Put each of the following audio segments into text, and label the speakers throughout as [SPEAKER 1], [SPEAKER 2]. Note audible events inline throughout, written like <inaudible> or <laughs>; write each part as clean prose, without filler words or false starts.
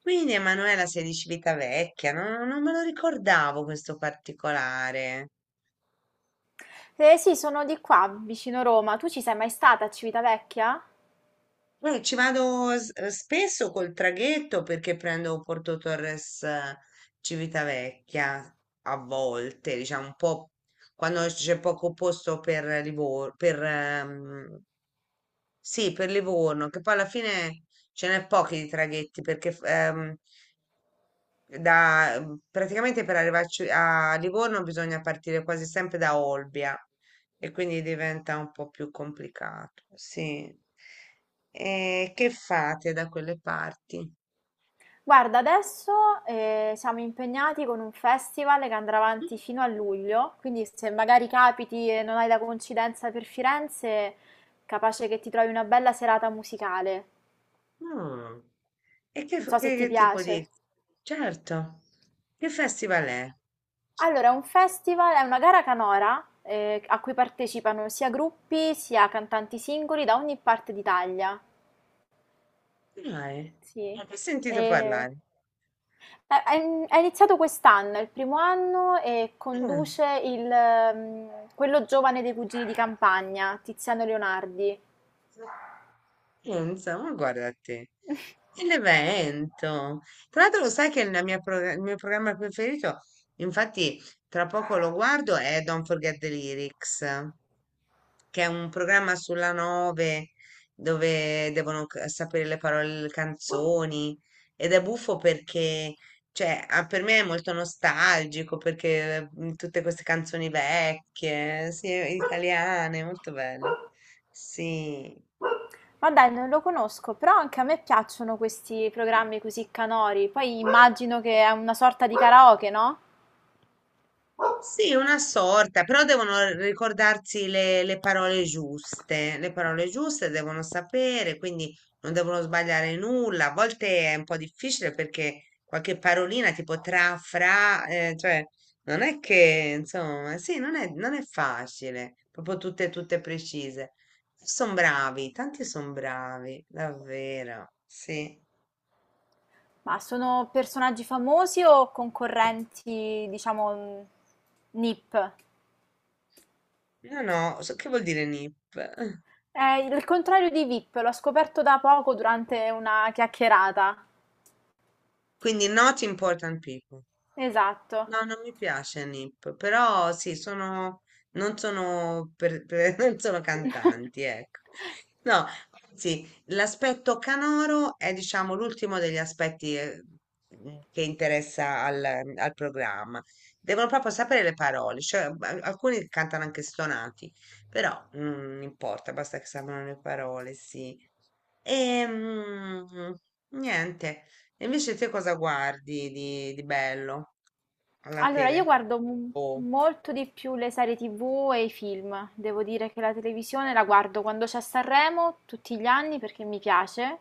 [SPEAKER 1] Quindi Emanuela sei di Civitavecchia, no, non me lo ricordavo questo particolare.
[SPEAKER 2] Eh sì, sono di qua, vicino Roma. Tu ci sei mai stata a Civitavecchia?
[SPEAKER 1] Ci vado spesso col traghetto perché prendo Porto Torres, Civitavecchia a volte, diciamo un po' quando c'è poco posto per Livorno, per, sì, per Livorno, che poi alla fine ce n'è pochi di traghetti perché da, praticamente per arrivarci a Livorno bisogna partire quasi sempre da Olbia e quindi diventa un po' più complicato. Sì. E che fate da quelle parti?
[SPEAKER 2] Guarda, adesso siamo impegnati con un festival che andrà avanti fino a luglio, quindi se magari capiti e non hai la coincidenza per Firenze, capace che ti trovi una bella serata musicale.
[SPEAKER 1] Mm. E che,
[SPEAKER 2] Non so se ti
[SPEAKER 1] che tipo
[SPEAKER 2] piace.
[SPEAKER 1] di... Certo, che festival è?
[SPEAKER 2] Allora, è un festival, è una gara canora a cui partecipano sia gruppi sia cantanti singoli da ogni parte d'Italia.
[SPEAKER 1] Dai,
[SPEAKER 2] Sì.
[SPEAKER 1] ne ho sentito
[SPEAKER 2] E
[SPEAKER 1] parlare.
[SPEAKER 2] Ha ha in ha iniziato quest'anno, è il primo anno e
[SPEAKER 1] Mm.
[SPEAKER 2] conduce il, quello giovane dei Cugini di Campagna, Tiziano Leonardi.
[SPEAKER 1] Pensa, ma guarda te. E l'evento. Tra l'altro lo sai che la il mio programma preferito, infatti tra poco lo guardo, è Don't Forget the Lyrics, che è un programma sulla 9 dove devono sapere le parole delle canzoni, ed è buffo perché, cioè, ah, per me è molto nostalgico perché, tutte queste canzoni vecchie, sì, italiane, molto bello. Sì.
[SPEAKER 2] Ma dai, non lo conosco, però anche a me piacciono questi programmi così canori. Poi immagino che è una sorta di karaoke, no?
[SPEAKER 1] Sì, una sorta, però devono ricordarsi le parole giuste devono sapere, quindi non devono sbagliare nulla. A volte è un po' difficile perché qualche parolina tipo tra, fra, cioè non è che, insomma, sì, non è facile, proprio tutte, tutte precise. Sono bravi, tanti sono bravi, davvero, sì.
[SPEAKER 2] Ma sono personaggi famosi o concorrenti, diciamo, NIP?
[SPEAKER 1] No, no, so che vuol dire NIP? <laughs>
[SPEAKER 2] È il contrario di VIP, l'ho scoperto da poco durante una chiacchierata.
[SPEAKER 1] Quindi not important people.
[SPEAKER 2] Esatto.
[SPEAKER 1] No, non mi piace Nip, però sì, sono, non sono, <laughs> non sono cantanti, ecco.
[SPEAKER 2] <laughs>
[SPEAKER 1] No, anzi, l'aspetto canoro è, diciamo, l'ultimo degli aspetti, che interessa al programma. Devono proprio sapere le parole, cioè alcuni cantano anche stonati, però, non importa, basta che sappiano le parole, sì. E, niente. E invece te cosa guardi di bello alla
[SPEAKER 2] Allora, io
[SPEAKER 1] tele?
[SPEAKER 2] guardo
[SPEAKER 1] Oh.
[SPEAKER 2] molto di più le serie TV e i film. Devo dire che la televisione la guardo quando c'è Sanremo, tutti gli anni perché mi piace,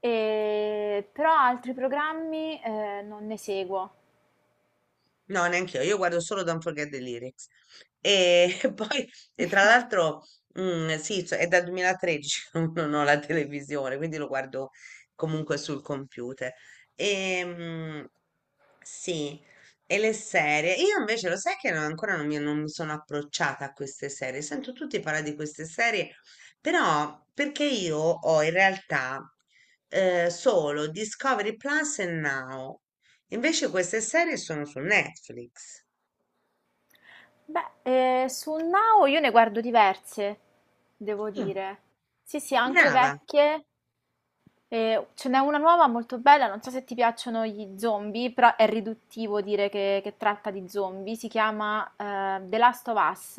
[SPEAKER 2] però altri programmi non ne seguo.
[SPEAKER 1] No, neanche io guardo solo Don't Forget the Lyrics. E <laughs> poi, e tra
[SPEAKER 2] <laughs>
[SPEAKER 1] l'altro, sì, cioè, è dal 2013 che <laughs> non ho la televisione, quindi lo guardo comunque sul computer. E, sì, e le serie. Io invece lo sai che ancora non mi sono approcciata a queste serie. Sento tutti parlare di queste serie, però perché io ho in realtà, solo Discovery Plus e Now. Invece queste serie sono su Netflix.
[SPEAKER 2] Beh, su Now io ne guardo diverse, devo
[SPEAKER 1] Mm.
[SPEAKER 2] dire. Sì, sì, anche
[SPEAKER 1] Brava.
[SPEAKER 2] vecchie. Ce n'è una nuova molto bella, non so se ti piacciono gli zombie, però è riduttivo dire che tratta di zombie. Si chiama The Last of Us.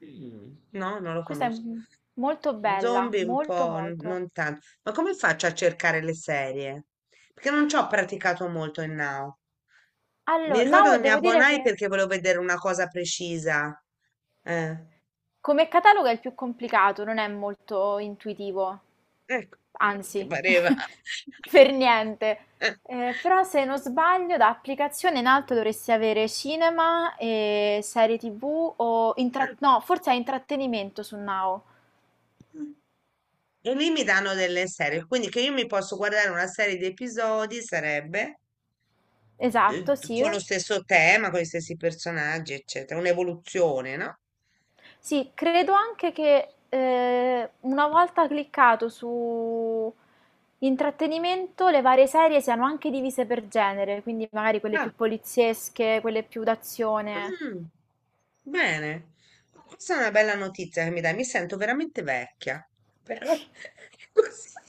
[SPEAKER 1] Mm. No, non lo
[SPEAKER 2] Questa è
[SPEAKER 1] conosco.
[SPEAKER 2] molto bella,
[SPEAKER 1] Zombie un
[SPEAKER 2] molto
[SPEAKER 1] po',
[SPEAKER 2] molto.
[SPEAKER 1] non tanto. Ma come faccio a cercare le serie? Perché non ci ho praticato molto in Now. Mi
[SPEAKER 2] Allora,
[SPEAKER 1] ricordo
[SPEAKER 2] Now
[SPEAKER 1] che mi
[SPEAKER 2] devo dire
[SPEAKER 1] abbonai
[SPEAKER 2] che
[SPEAKER 1] perché volevo vedere una cosa precisa. Eh,
[SPEAKER 2] come catalogo è il più complicato, non è molto intuitivo.
[SPEAKER 1] ecco, ti
[SPEAKER 2] Anzi, <laughs>
[SPEAKER 1] pareva.
[SPEAKER 2] per niente. Però
[SPEAKER 1] <laughs>
[SPEAKER 2] se non sbaglio, da applicazione in alto dovresti avere cinema e serie TV o no, forse è intrattenimento su Now.
[SPEAKER 1] E lì mi danno delle serie, quindi che io mi posso guardare una serie di episodi sarebbe,
[SPEAKER 2] Esatto, sì.
[SPEAKER 1] con lo stesso tema, con gli stessi personaggi, eccetera, un'evoluzione, no?
[SPEAKER 2] Sì, credo anche che una volta cliccato su intrattenimento, le varie serie siano anche divise per genere, quindi magari quelle più
[SPEAKER 1] Ah,
[SPEAKER 2] poliziesche, quelle più d'azione.
[SPEAKER 1] mm. Bene, questa è una bella notizia che mi dai, mi sento veramente vecchia, però <laughs> così.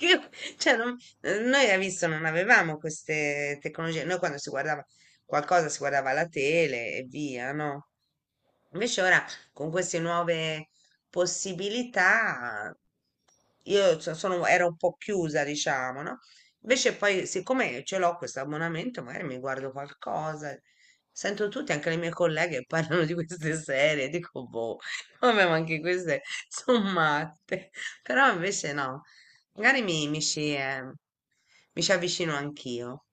[SPEAKER 1] Io- cioè, noi hai visto non avevamo queste tecnologie, noi quando si guardava qualcosa si guardava la tele e via, no? Invece ora con queste nuove possibilità io ero un po' chiusa, diciamo, no? Invece poi siccome ce l'ho questo abbonamento, magari mi guardo qualcosa. Sento tutti, anche le mie colleghe, <laughs> parlano di queste serie, dico, boh, <laughs> vabbè, ma anche queste sono matte. Però invece no, magari mi ci avvicino anch'io.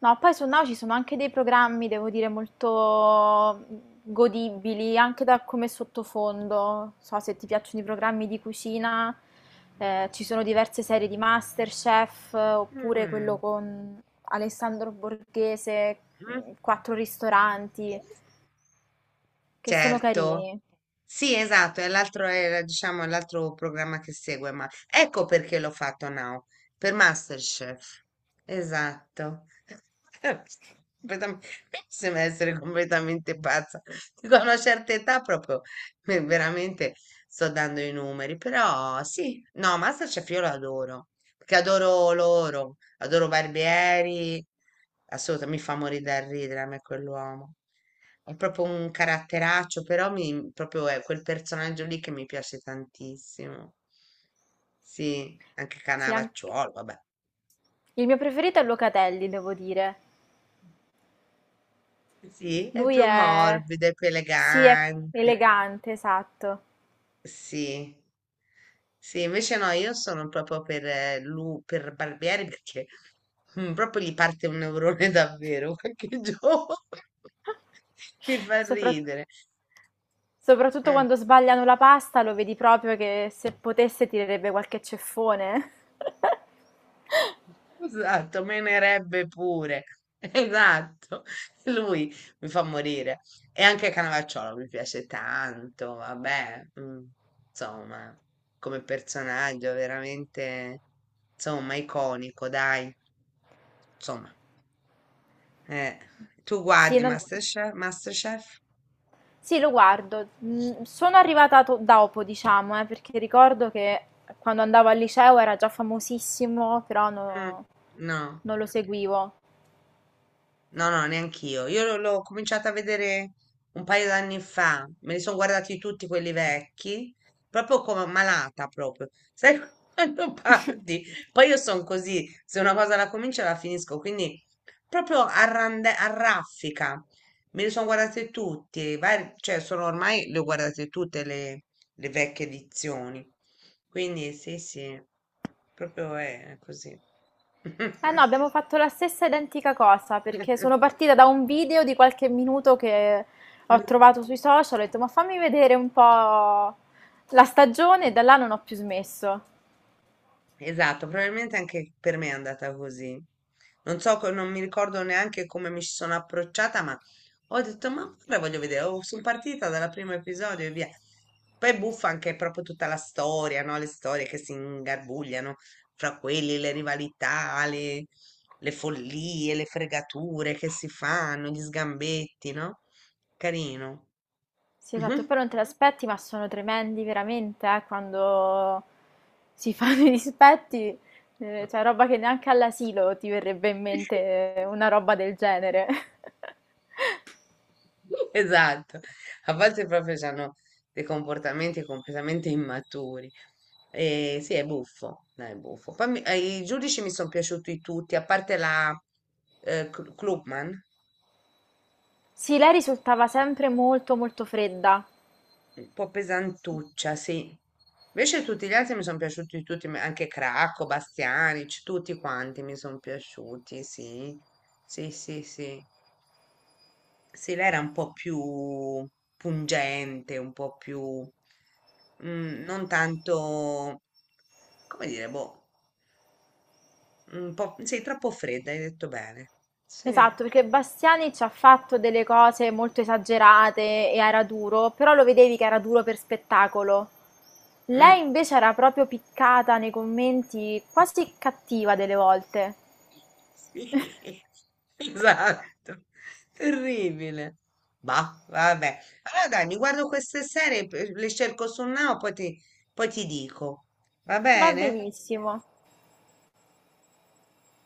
[SPEAKER 2] No, poi su Now ci sono anche dei programmi, devo dire, molto godibili, anche da come sottofondo. Non so se ti piacciono i programmi di cucina, ci sono diverse serie di MasterChef, oppure quello
[SPEAKER 1] Mm,
[SPEAKER 2] con Alessandro Borghese,
[SPEAKER 1] mm.
[SPEAKER 2] Quattro ristoranti, che sono
[SPEAKER 1] Certo.
[SPEAKER 2] carini.
[SPEAKER 1] Sì, esatto, è l'altro, era, diciamo, è l'altro programma che segue, ma ecco perché l'ho fatto now, per MasterChef. Esatto. <laughs> Completam- Mi sembra essere completamente pazza. Dico, a una certa età proprio, veramente sto dando i numeri, però sì, no, MasterChef io lo adoro, perché adoro loro. Adoro Barbieri, assolutamente, mi fa morire da ridere a me quell'uomo. È proprio un caratteraccio, però mi, proprio è quel personaggio lì che mi piace tantissimo. Sì, anche
[SPEAKER 2] Sì, anche-
[SPEAKER 1] Canavacciuolo, vabbè.
[SPEAKER 2] Il mio preferito è Locatelli, devo dire.
[SPEAKER 1] Sì, è
[SPEAKER 2] Lui
[SPEAKER 1] più
[SPEAKER 2] è...
[SPEAKER 1] morbido, è più
[SPEAKER 2] Sì, è
[SPEAKER 1] elegante.
[SPEAKER 2] elegante, esatto.
[SPEAKER 1] Sì. Sì, invece no, io sono proprio per, per Barbieri perché, proprio gli parte un neurone <laughs> davvero qualche giorno. <laughs> Mi fa
[SPEAKER 2] Soprat
[SPEAKER 1] ridere.
[SPEAKER 2] soprattutto
[SPEAKER 1] Mm.
[SPEAKER 2] quando sbagliano la pasta lo vedi proprio che se potesse tirerebbe qualche ceffone. <laughs>
[SPEAKER 1] Esatto, menerebbe pure. <laughs> Esatto, lui mi fa morire. E anche Canavacciolo mi piace tanto, vabbè, insomma, come personaggio veramente, insomma, iconico, dai. Insomma, eh, tu
[SPEAKER 2] Sì,
[SPEAKER 1] guardi
[SPEAKER 2] non-
[SPEAKER 1] MasterChef? MasterChef?
[SPEAKER 2] sì, lo guardo. Mm, sono arrivata dopo, diciamo, perché ricordo che quando andavo al liceo era già famosissimo, però
[SPEAKER 1] Mm,
[SPEAKER 2] no-
[SPEAKER 1] no.
[SPEAKER 2] non lo seguivo.
[SPEAKER 1] No, no, neanch'io. Io l'ho cominciata a vedere un paio d'anni fa. Me li sono guardati tutti quelli vecchi, proprio come malata proprio. Sai <laughs> quando
[SPEAKER 2] <laughs>
[SPEAKER 1] parti? Poi io sono così, se una cosa la comincio la finisco, quindi proprio a a raffica. Me li sono guardati tutti, cioè sono ormai le ho guardate tutte le vecchie edizioni. Quindi sì, sì, proprio è così.
[SPEAKER 2] Eh no, abbiamo fatto la stessa identica cosa perché sono
[SPEAKER 1] <laughs>
[SPEAKER 2] partita da un video di qualche minuto che ho trovato sui social, ho detto ma fammi vedere un po' la stagione e da là non ho più smesso.
[SPEAKER 1] Esatto, probabilmente anche per me è andata così. Non so, non mi ricordo neanche come mi ci sono approcciata, ma ho detto, ma ora voglio vedere, oh, sono partita dal primo episodio e via. Poi buffa anche proprio tutta la storia, no? Le storie che si ingarbugliano fra quelli, le rivalità, le follie, le fregature che si fanno, gli sgambetti, no? Carino.
[SPEAKER 2] Sì, esatto, poi
[SPEAKER 1] <laughs>
[SPEAKER 2] non te l'aspetti, ma sono tremendi veramente, quando si <laughs> fanno i dispetti, cioè roba che neanche all'asilo ti verrebbe in mente una roba del genere. <laughs>
[SPEAKER 1] <laughs> Esatto, a volte proprio hanno dei comportamenti completamente immaturi. E sì, è buffo, dai, è buffo. Poi i giudici mi sono piaciuti tutti, a parte la, Klugman,
[SPEAKER 2] Sì, lei risultava sempre molto molto fredda.
[SPEAKER 1] un po' pesantuccia, sì. Invece tutti gli altri mi sono piaciuti tutti, ma anche Cracco, Bastianic, tutti quanti mi sono piaciuti, sì. Sì, sì, sì. Sì, lei era un po' più pungente, un po' più... non tanto, come dire, boh, un po', sei troppo fredda, hai detto bene. Sì,
[SPEAKER 2] Esatto, perché Bastiani ci ha fatto delle cose molto esagerate e era duro, però lo vedevi che era duro per spettacolo.
[SPEAKER 1] mm,
[SPEAKER 2] Lei invece era proprio piccata nei commenti, quasi cattiva delle volte.
[SPEAKER 1] sì, <laughs> esatto, terribile. Bah, vabbè. Allora dai, mi guardo queste serie, le cerco su Now, poi ti dico. Va
[SPEAKER 2] Va
[SPEAKER 1] bene?
[SPEAKER 2] benissimo.